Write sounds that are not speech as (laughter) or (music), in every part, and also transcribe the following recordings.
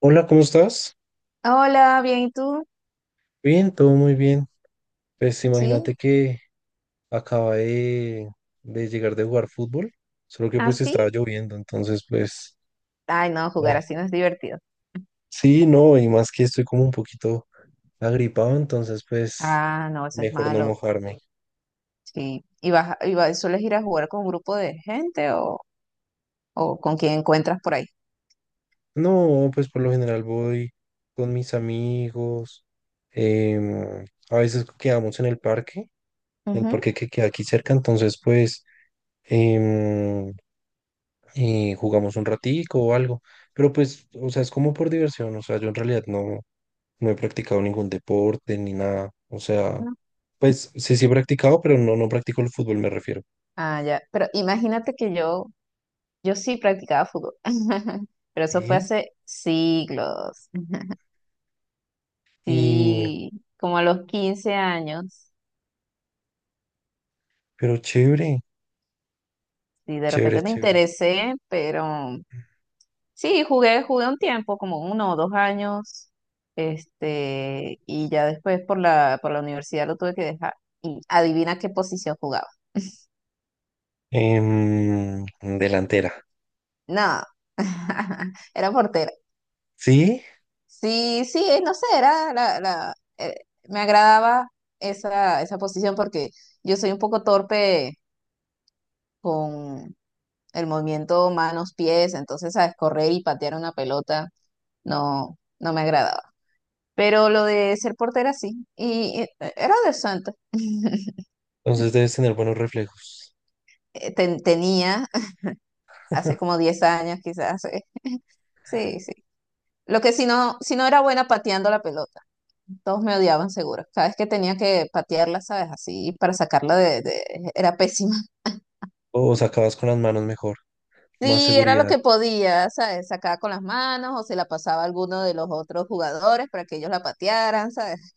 Hola, ¿cómo estás? Hola, bien, ¿y tú? Bien, todo muy bien. Pues ¿Sí? imagínate que acaba de llegar de jugar fútbol, solo que pues estaba ¿Así? lloviendo, entonces pues Ay, no, jugar ya. así no es divertido. Sí, no, y más que estoy como un poquito agripado, entonces pues Ah, no, eso es mejor no malo. mojarme. Sí. ¿Y vas, a- y vas- sueles ir a jugar con un grupo de gente o con quien encuentras por ahí? No, pues por lo general voy con mis amigos, em, a veces quedamos en el Ujú. parque que queda aquí cerca, entonces pues. em, Jugamos un ratico o algo, pero pues, o sea, es como por diversión, o sea, yo en realidad no, no he practicado ningún deporte ni nada, o sea, No. pues sí, sí he practicado, pero no, no practico el fútbol, me refiero. Ah, ya. Pero imagínate que yo sí practicaba fútbol. (laughs) Pero eso fue Sí. hace siglos. (laughs) Y, Sí, como a los 15 años. pero chévere, Sí, de chévere, repente me chévere. interesé, pero Sí, jugué un tiempo, como uno o dos años, este, y ya después por la universidad lo tuve que dejar. Y adivina qué posición jugaba. Em, Delantera, No, (laughs) era portera. ¿sí? Sí, sí, no sé, era me agradaba esa posición porque yo soy un poco torpe con el movimiento manos-pies, entonces, ¿sabes? Correr y patear una pelota no me agradaba. Pero lo de ser portera sí. Y era decente. (laughs) Entonces debes tener buenos reflejos, Tenía (laughs) hace como 10 años quizás. (laughs) Sí, sí. Lo que si no era buena pateando la pelota. Todos me odiaban seguro. Cada vez que tenía que patearla, ¿sabes? Así para sacarla Era pésima. (laughs) o sea, acabas con las manos mejor, más Sí, era lo seguridad. que podía, ¿sabes? Sacaba con las manos o se la pasaba a alguno de los otros jugadores para que ellos la patearan, ¿sabes?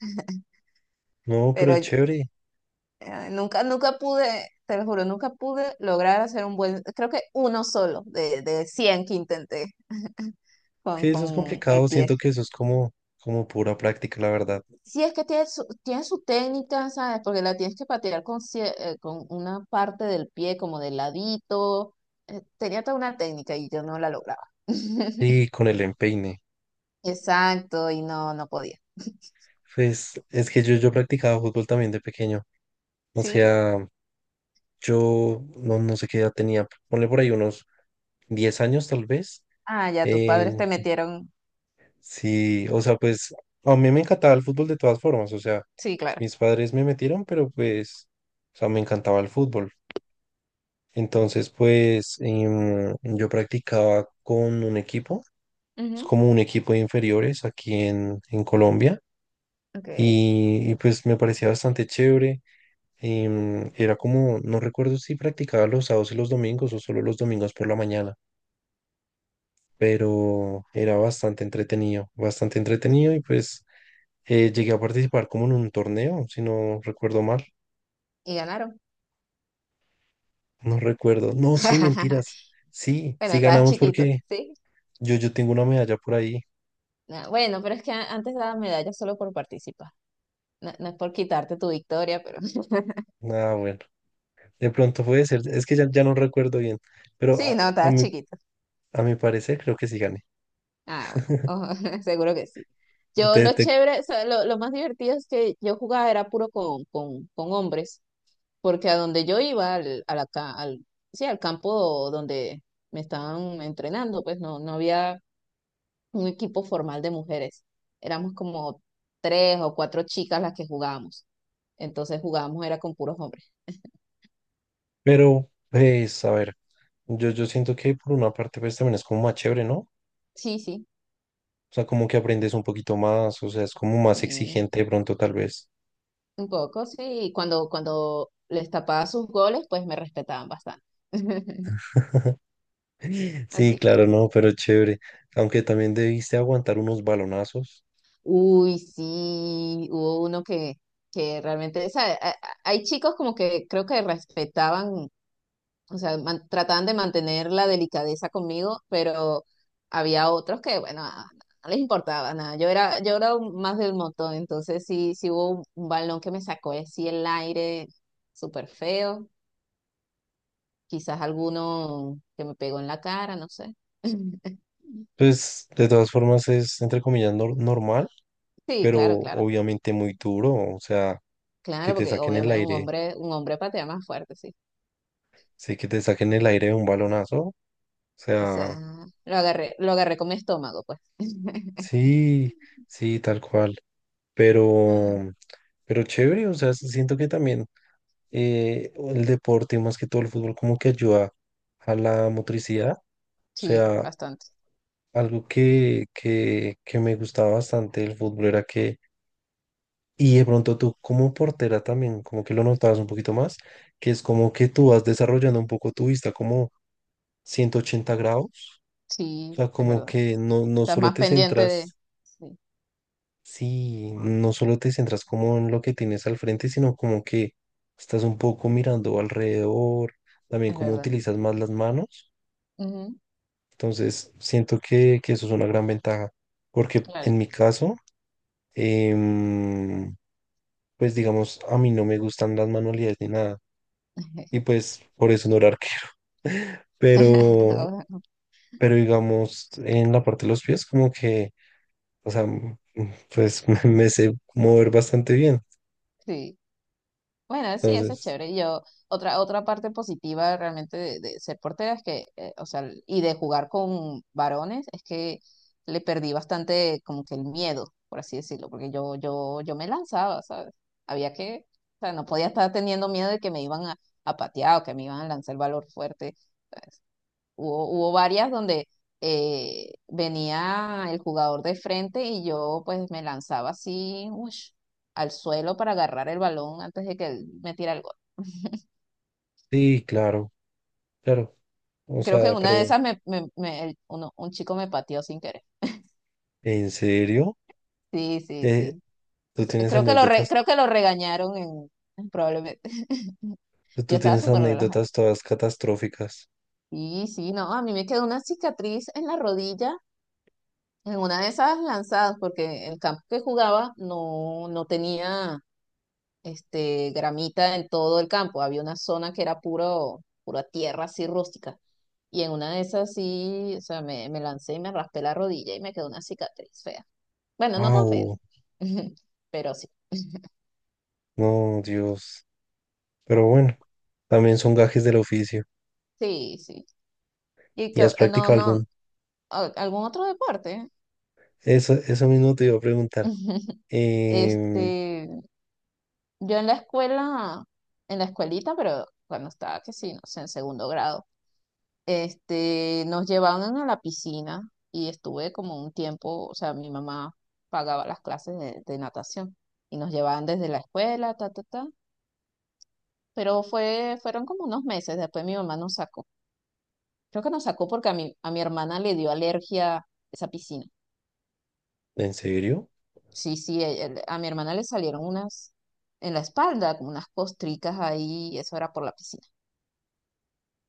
No, pero Pero yo, chévere, Ay, nunca, nunca pude, te lo juro, nunca pude lograr hacer un buen, creo que uno solo de 100 que intenté es con, que eso es con el complicado, pie. siento que eso es como pura práctica, la verdad, Sí, es que tiene su técnica, ¿sabes? Porque la tienes que patear con una parte del pie como de ladito. Tenía toda una técnica y yo no la lograba. (laughs) sí con el empeine. Exacto, y no podía. Pues es que yo practicaba fútbol también de pequeño. O ¿Sí? sea, yo no, no sé qué edad tenía. Ponle por ahí unos 10 años tal vez. Ah, ya tus Eh, padres te metieron. sí, o sea, pues a mí me encantaba el fútbol de todas formas. O sea, Sí, claro. mis padres me metieron, pero pues, o sea, me encantaba el fútbol. Entonces, pues yo practicaba con un equipo. Es Ujú, como un equipo de inferiores aquí en Colombia. ok. Y pues me parecía bastante chévere. Era como, no recuerdo si practicaba los sábados y los domingos o solo los domingos por la mañana, pero era bastante entretenido y pues llegué a participar como en un torneo, si no recuerdo mal, Y ganaron. no recuerdo, no, sí, (laughs) mentiras, sí, Bueno, sí estabas ganamos chiquito, porque ¿sí? yo tengo una medalla por ahí, Nah, bueno, pero es que antes daba medalla solo por participar. No, no es por quitarte tu victoria, pero (laughs) ah, bueno, de pronto puede ser, es que ya, ya no recuerdo bien, pero sí, a, no, a estabas mi, chiquito. a mi parecer creo que sí gané. Ah, bueno, ojo, (laughs) seguro que sí. Yo Te- lo te- chévere, o sea, lo más divertido es que yo jugaba era puro con, con hombres, porque a donde yo iba, al, a la ca- al, sí, al campo donde me estaban entrenando, pues no había un equipo formal de mujeres. Éramos como tres o cuatro chicas las que jugábamos. Entonces jugábamos era con puros hombres. pero pues a ver. Yo siento que por una parte pues también es como más chévere, ¿no? O Sí, sí. sea, como que aprendes un poquito más, o sea, es como más Sí. exigente de pronto tal vez. Un poco, sí. Cuando les tapaba sus goles, pues me respetaban bastante. (laughs) (laughs) Sí, Así que, claro, no, pero chévere. Aunque también debiste aguantar unos balonazos. uy, sí, hubo uno que realmente, o sea, hay chicos como que creo que respetaban, o sea, trataban de mantener la delicadeza conmigo, pero había otros que, bueno, ah, no les importaba nada. Yo era más del montón, entonces sí, sí hubo un balón que me sacó así el aire, súper feo. Quizás alguno que me pegó en la cara, no sé. (laughs) Pues de todas formas es entre comillas normal, Sí, pero claro, claro. obviamente muy duro, o sea, que Claro, te porque saquen el obviamente aire, un hombre patea más fuerte, sí. sí, que te saquen el aire de un balonazo, o O sea, sea, lo agarré con mi estómago, pues. (laughs) sí, sí, tal cual. Ah, Pero, pero chévere, o sea, siento que también el deporte, más que todo el fútbol, como que ayuda a la motricidad. O sí, sea, bastante. algo que me gustaba bastante del fútbol era que, y de pronto tú como portera también, como que lo notabas un poquito más, que es como que tú vas desarrollando un poco tu vista como 180 grados. Sí, O sea, es como verdad. que no, no Estás solo más te pendiente de. centras, Sí, sí, no solo te centras como en lo que tienes al frente, sino como que estás un poco mirando alrededor, también es como verdad. utilizas más las manos. Ujú, Entonces, siento que eso es una gran ventaja, porque claro. en mi caso, em, pues digamos, a mí no me gustan las manualidades ni nada, y (laughs) pues por eso no era arquero. (laughs) Pero, Ahora, pero digamos, en la parte de los pies, como que, o sea, pues (laughs) me sé mover bastante bien. sí. Bueno, sí, eso es Entonces, chévere. Yo, otra parte positiva realmente de ser portera es que, o sea, y de jugar con varones, es que le perdí bastante como que el miedo, por así decirlo, porque yo me lanzaba, ¿sabes? Había que, o sea, no podía estar teniendo miedo de que me iban a patear o que me iban a lanzar el valor fuerte. Hubo varias donde venía el jugador de frente y yo pues me lanzaba así, ush, al suelo para agarrar el balón antes de que él me tirara el gol. sí, claro, claro. O Creo que en sea, una de pero, esas un chico me pateó sin querer. ¿en serio? Sí, sí, Eh, sí. tú tienes anécdotas, Creo que lo regañaron en, probablemente. (laughs) Yo tú estaba tienes súper relajada. anécdotas todas catastróficas. Sí, sí, no, a mí me quedó una cicatriz en la rodilla, en una de esas lanzadas, porque el campo que jugaba no tenía este, gramita en todo el campo. Había una zona que era puro, pura tierra así rústica. Y en una de esas sí, o sea, me lancé y me raspé la rodilla y me quedó una cicatriz fea. Bueno, no tan fea. Ah, (laughs) Pero sí, no, Dios. Pero bueno, también son gajes del oficio. sí, sí. Y que, ¿Y has no, practicado no, algún? Algún otro deporte. Eso mismo te iba a preguntar. (laughs) Em, Este, yo en la escuela, en la escuelita, pero cuando estaba, que sí, no sé, en segundo grado, este, nos llevaban a la piscina y estuve como un tiempo, o sea, mi mamá pagaba las clases de natación y nos llevaban desde la escuela, ta, ta, ta, pero fue, fueron como unos meses, después mi mamá nos sacó. Creo que nos sacó porque a mi hermana le dio alergia esa piscina. ¿En serio? Sí, sí, a mi hermana le salieron unas en la espalda, como unas costricas ahí, y eso era por la piscina.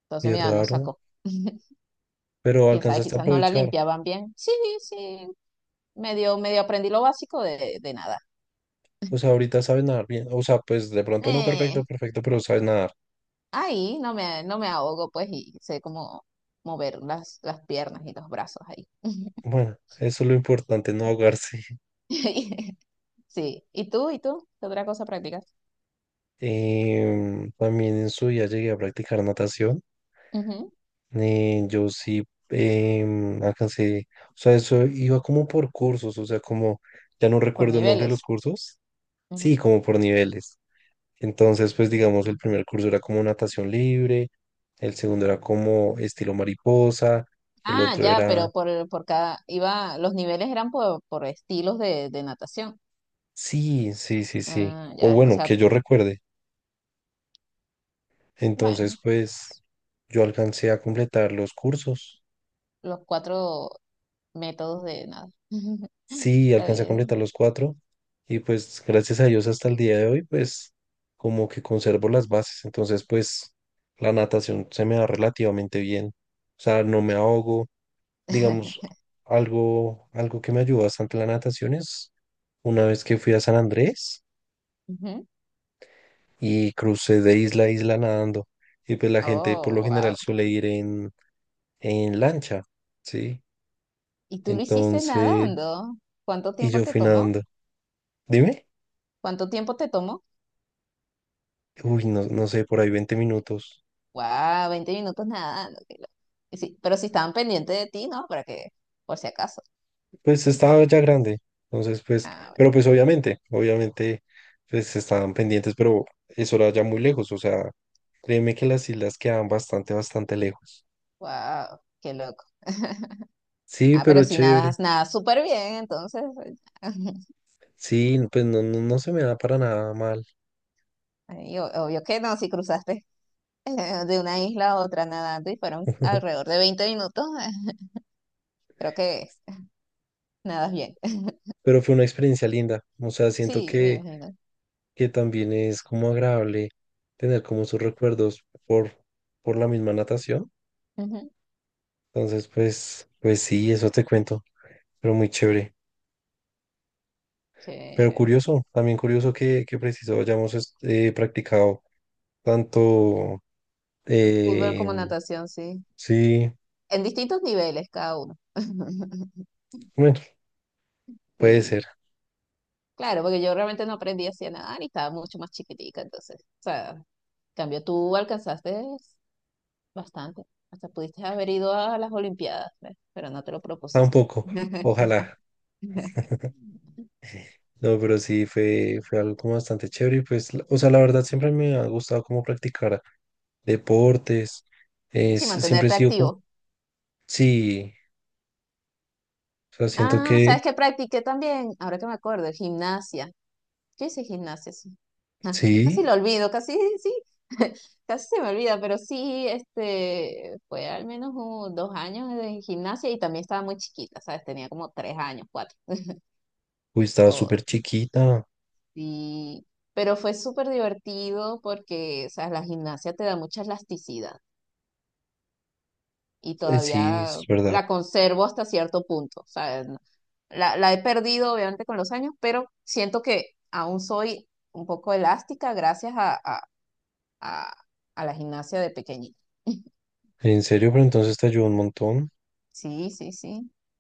Entonces Qué mi mamá nos raro. sacó. (laughs) Pero Quién sabe, alcanzaste a quizás no la aprovechar. limpiaban bien. Sí, sí, medio aprendí lo básico de nada. O sea, ahorita sabes nadar bien. O sea, pues de pronto no perfecto, Eh, perfecto, pero sabes nadar. Ahí no me ahogo, pues, y sé cómo mover las piernas y los brazos ahí. Bueno, eso es lo importante, no ahogarse. (laughs) (laughs) Sí, ¿y tú? ¿Qué otra cosa practicas? También en su día llegué a practicar natación. Ujú, Yo sí, alcancé. O sea, eso iba como por cursos. O sea, como ya no por recuerdo el nombre de los niveles. cursos. Sí, como por niveles. Entonces, pues digamos, el primer curso era como natación libre, el segundo era como estilo mariposa, el Ah, otro ya, era. pero por los niveles eran por estilos de natación. Sí, sí, sí, sí. Ah, O ya, o bueno, sea, que yo recuerde. Entonces, bueno, pues yo alcancé a completar los cursos. los cuatro métodos de nada. (laughs) Sí, Está alcancé a bien. completar los cuatro. Y pues gracias a Dios hasta el día de hoy, pues como que conservo las bases. Entonces, pues la natación se me da relativamente bien. O sea, no me ahogo digamos, (laughs) algo que me ayudó bastante la natación es una vez que fui a San Andrés Ujú. y crucé de isla a isla nadando. Y pues la gente por lo Oh, general wow. suele ir en lancha, ¿sí? ¿Y tú lo hiciste Entonces, nadando? ¿Cuánto y tiempo yo te fui tomó? nadando. Dime, ¿Cuánto tiempo te tomó? uy, no, no sé, por ahí 20 minutos. Wow, 20 minutos nadando. Qué loco. Y sí, pero si estaban pendientes de ti, ¿no? Para que, por si acaso. Pues estaba ya grande. Entonces, pues, Ah, pero pues obviamente, obviamente, pues estaban pendientes, pero eso era ya muy lejos. O sea, créeme que las islas quedaban bastante, bastante lejos. bueno. Wow, qué loco. Sí, Ah, pero pero si chévere. nadas, nadas súper bien, entonces. (laughs) Sí, pues no, no, no se me da para nada mal. Y obvio que no, si cruzaste de una isla a otra nadando y fueron (laughs) alrededor de 20 minutos, creo que nadas bien. (laughs) Pero fue una experiencia linda. O sea, siento Sí, me que, imagino. que también es como agradable tener como sus recuerdos por la misma natación. Ujú, Entonces, pues sí, eso te cuento. Pero muy chévere. Pero chévere. curioso, también curioso que preciso hayamos practicado tanto. Fútbol eh, como natación, sí. sí, En distintos niveles cada uno. (laughs) bueno, puede Sí. ser. Claro, porque yo realmente no aprendí así a nadar y estaba mucho más chiquitica, entonces, o sea, en cambio tú alcanzaste bastante. Hasta pudiste haber ido a las Olimpiadas, ¿ves? Pero no te lo propusiste. Tampoco. (laughs) Ojalá. No, pero sí fue, algo como bastante chévere. Y pues, o sea, la verdad siempre me ha gustado como practicar deportes. Es, Sí, siempre he mantenerte sido como, activo. sí, o sea, siento Ah, que sabes que practiqué también, ahora que me acuerdo, gimnasia. Yo hice gimnasia, sí. Ah, casi sí, lo olvido, casi sí, (laughs) casi se me olvida, pero sí, este, fue al menos 2 años de gimnasia y también estaba muy chiquita, ¿sabes? Tenía como 3 años, 4. uy, estaba o- súper chiquita. sí, pero fue súper divertido porque, o sea, la gimnasia te da mucha elasticidad. Y Sí, todavía es verdad. la conservo hasta cierto punto. O sea, la he perdido obviamente con los años, pero siento que aún soy un poco elástica gracias a- a la gimnasia de pequeñita. (laughs) En serio, pero entonces te ayudó un montón. Sí, sí, sí. O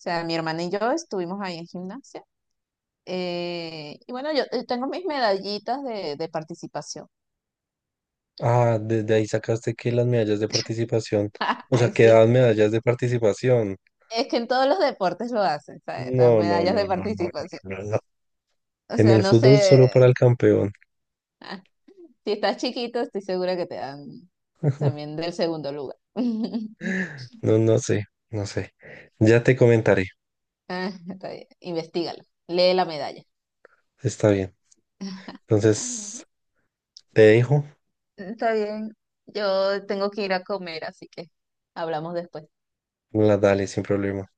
sea, mi hermana y yo estuvimos ahí en gimnasia. Y bueno, yo tengo mis medallitas de participación. Ah, desde ahí sacaste que las medallas de participación, (laughs) o sea, que daban Existe. medallas de participación. Es que en todos los deportes lo hacen, ¿sabes? Las No, no, medallas no, de no, no, no, participación. no. No. O En sea, el no fútbol solo sé. para el campeón. Si estás chiquito, estoy segura que te dan también del segundo lugar. (laughs) No, no sé, no sé. Ya te comentaré. Ah, está bien. Investígalo. Lee la medalla. Está bien. (laughs) Entonces, te dejo. Está bien. Yo tengo que ir a comer, así que hablamos después. La dale sin problema.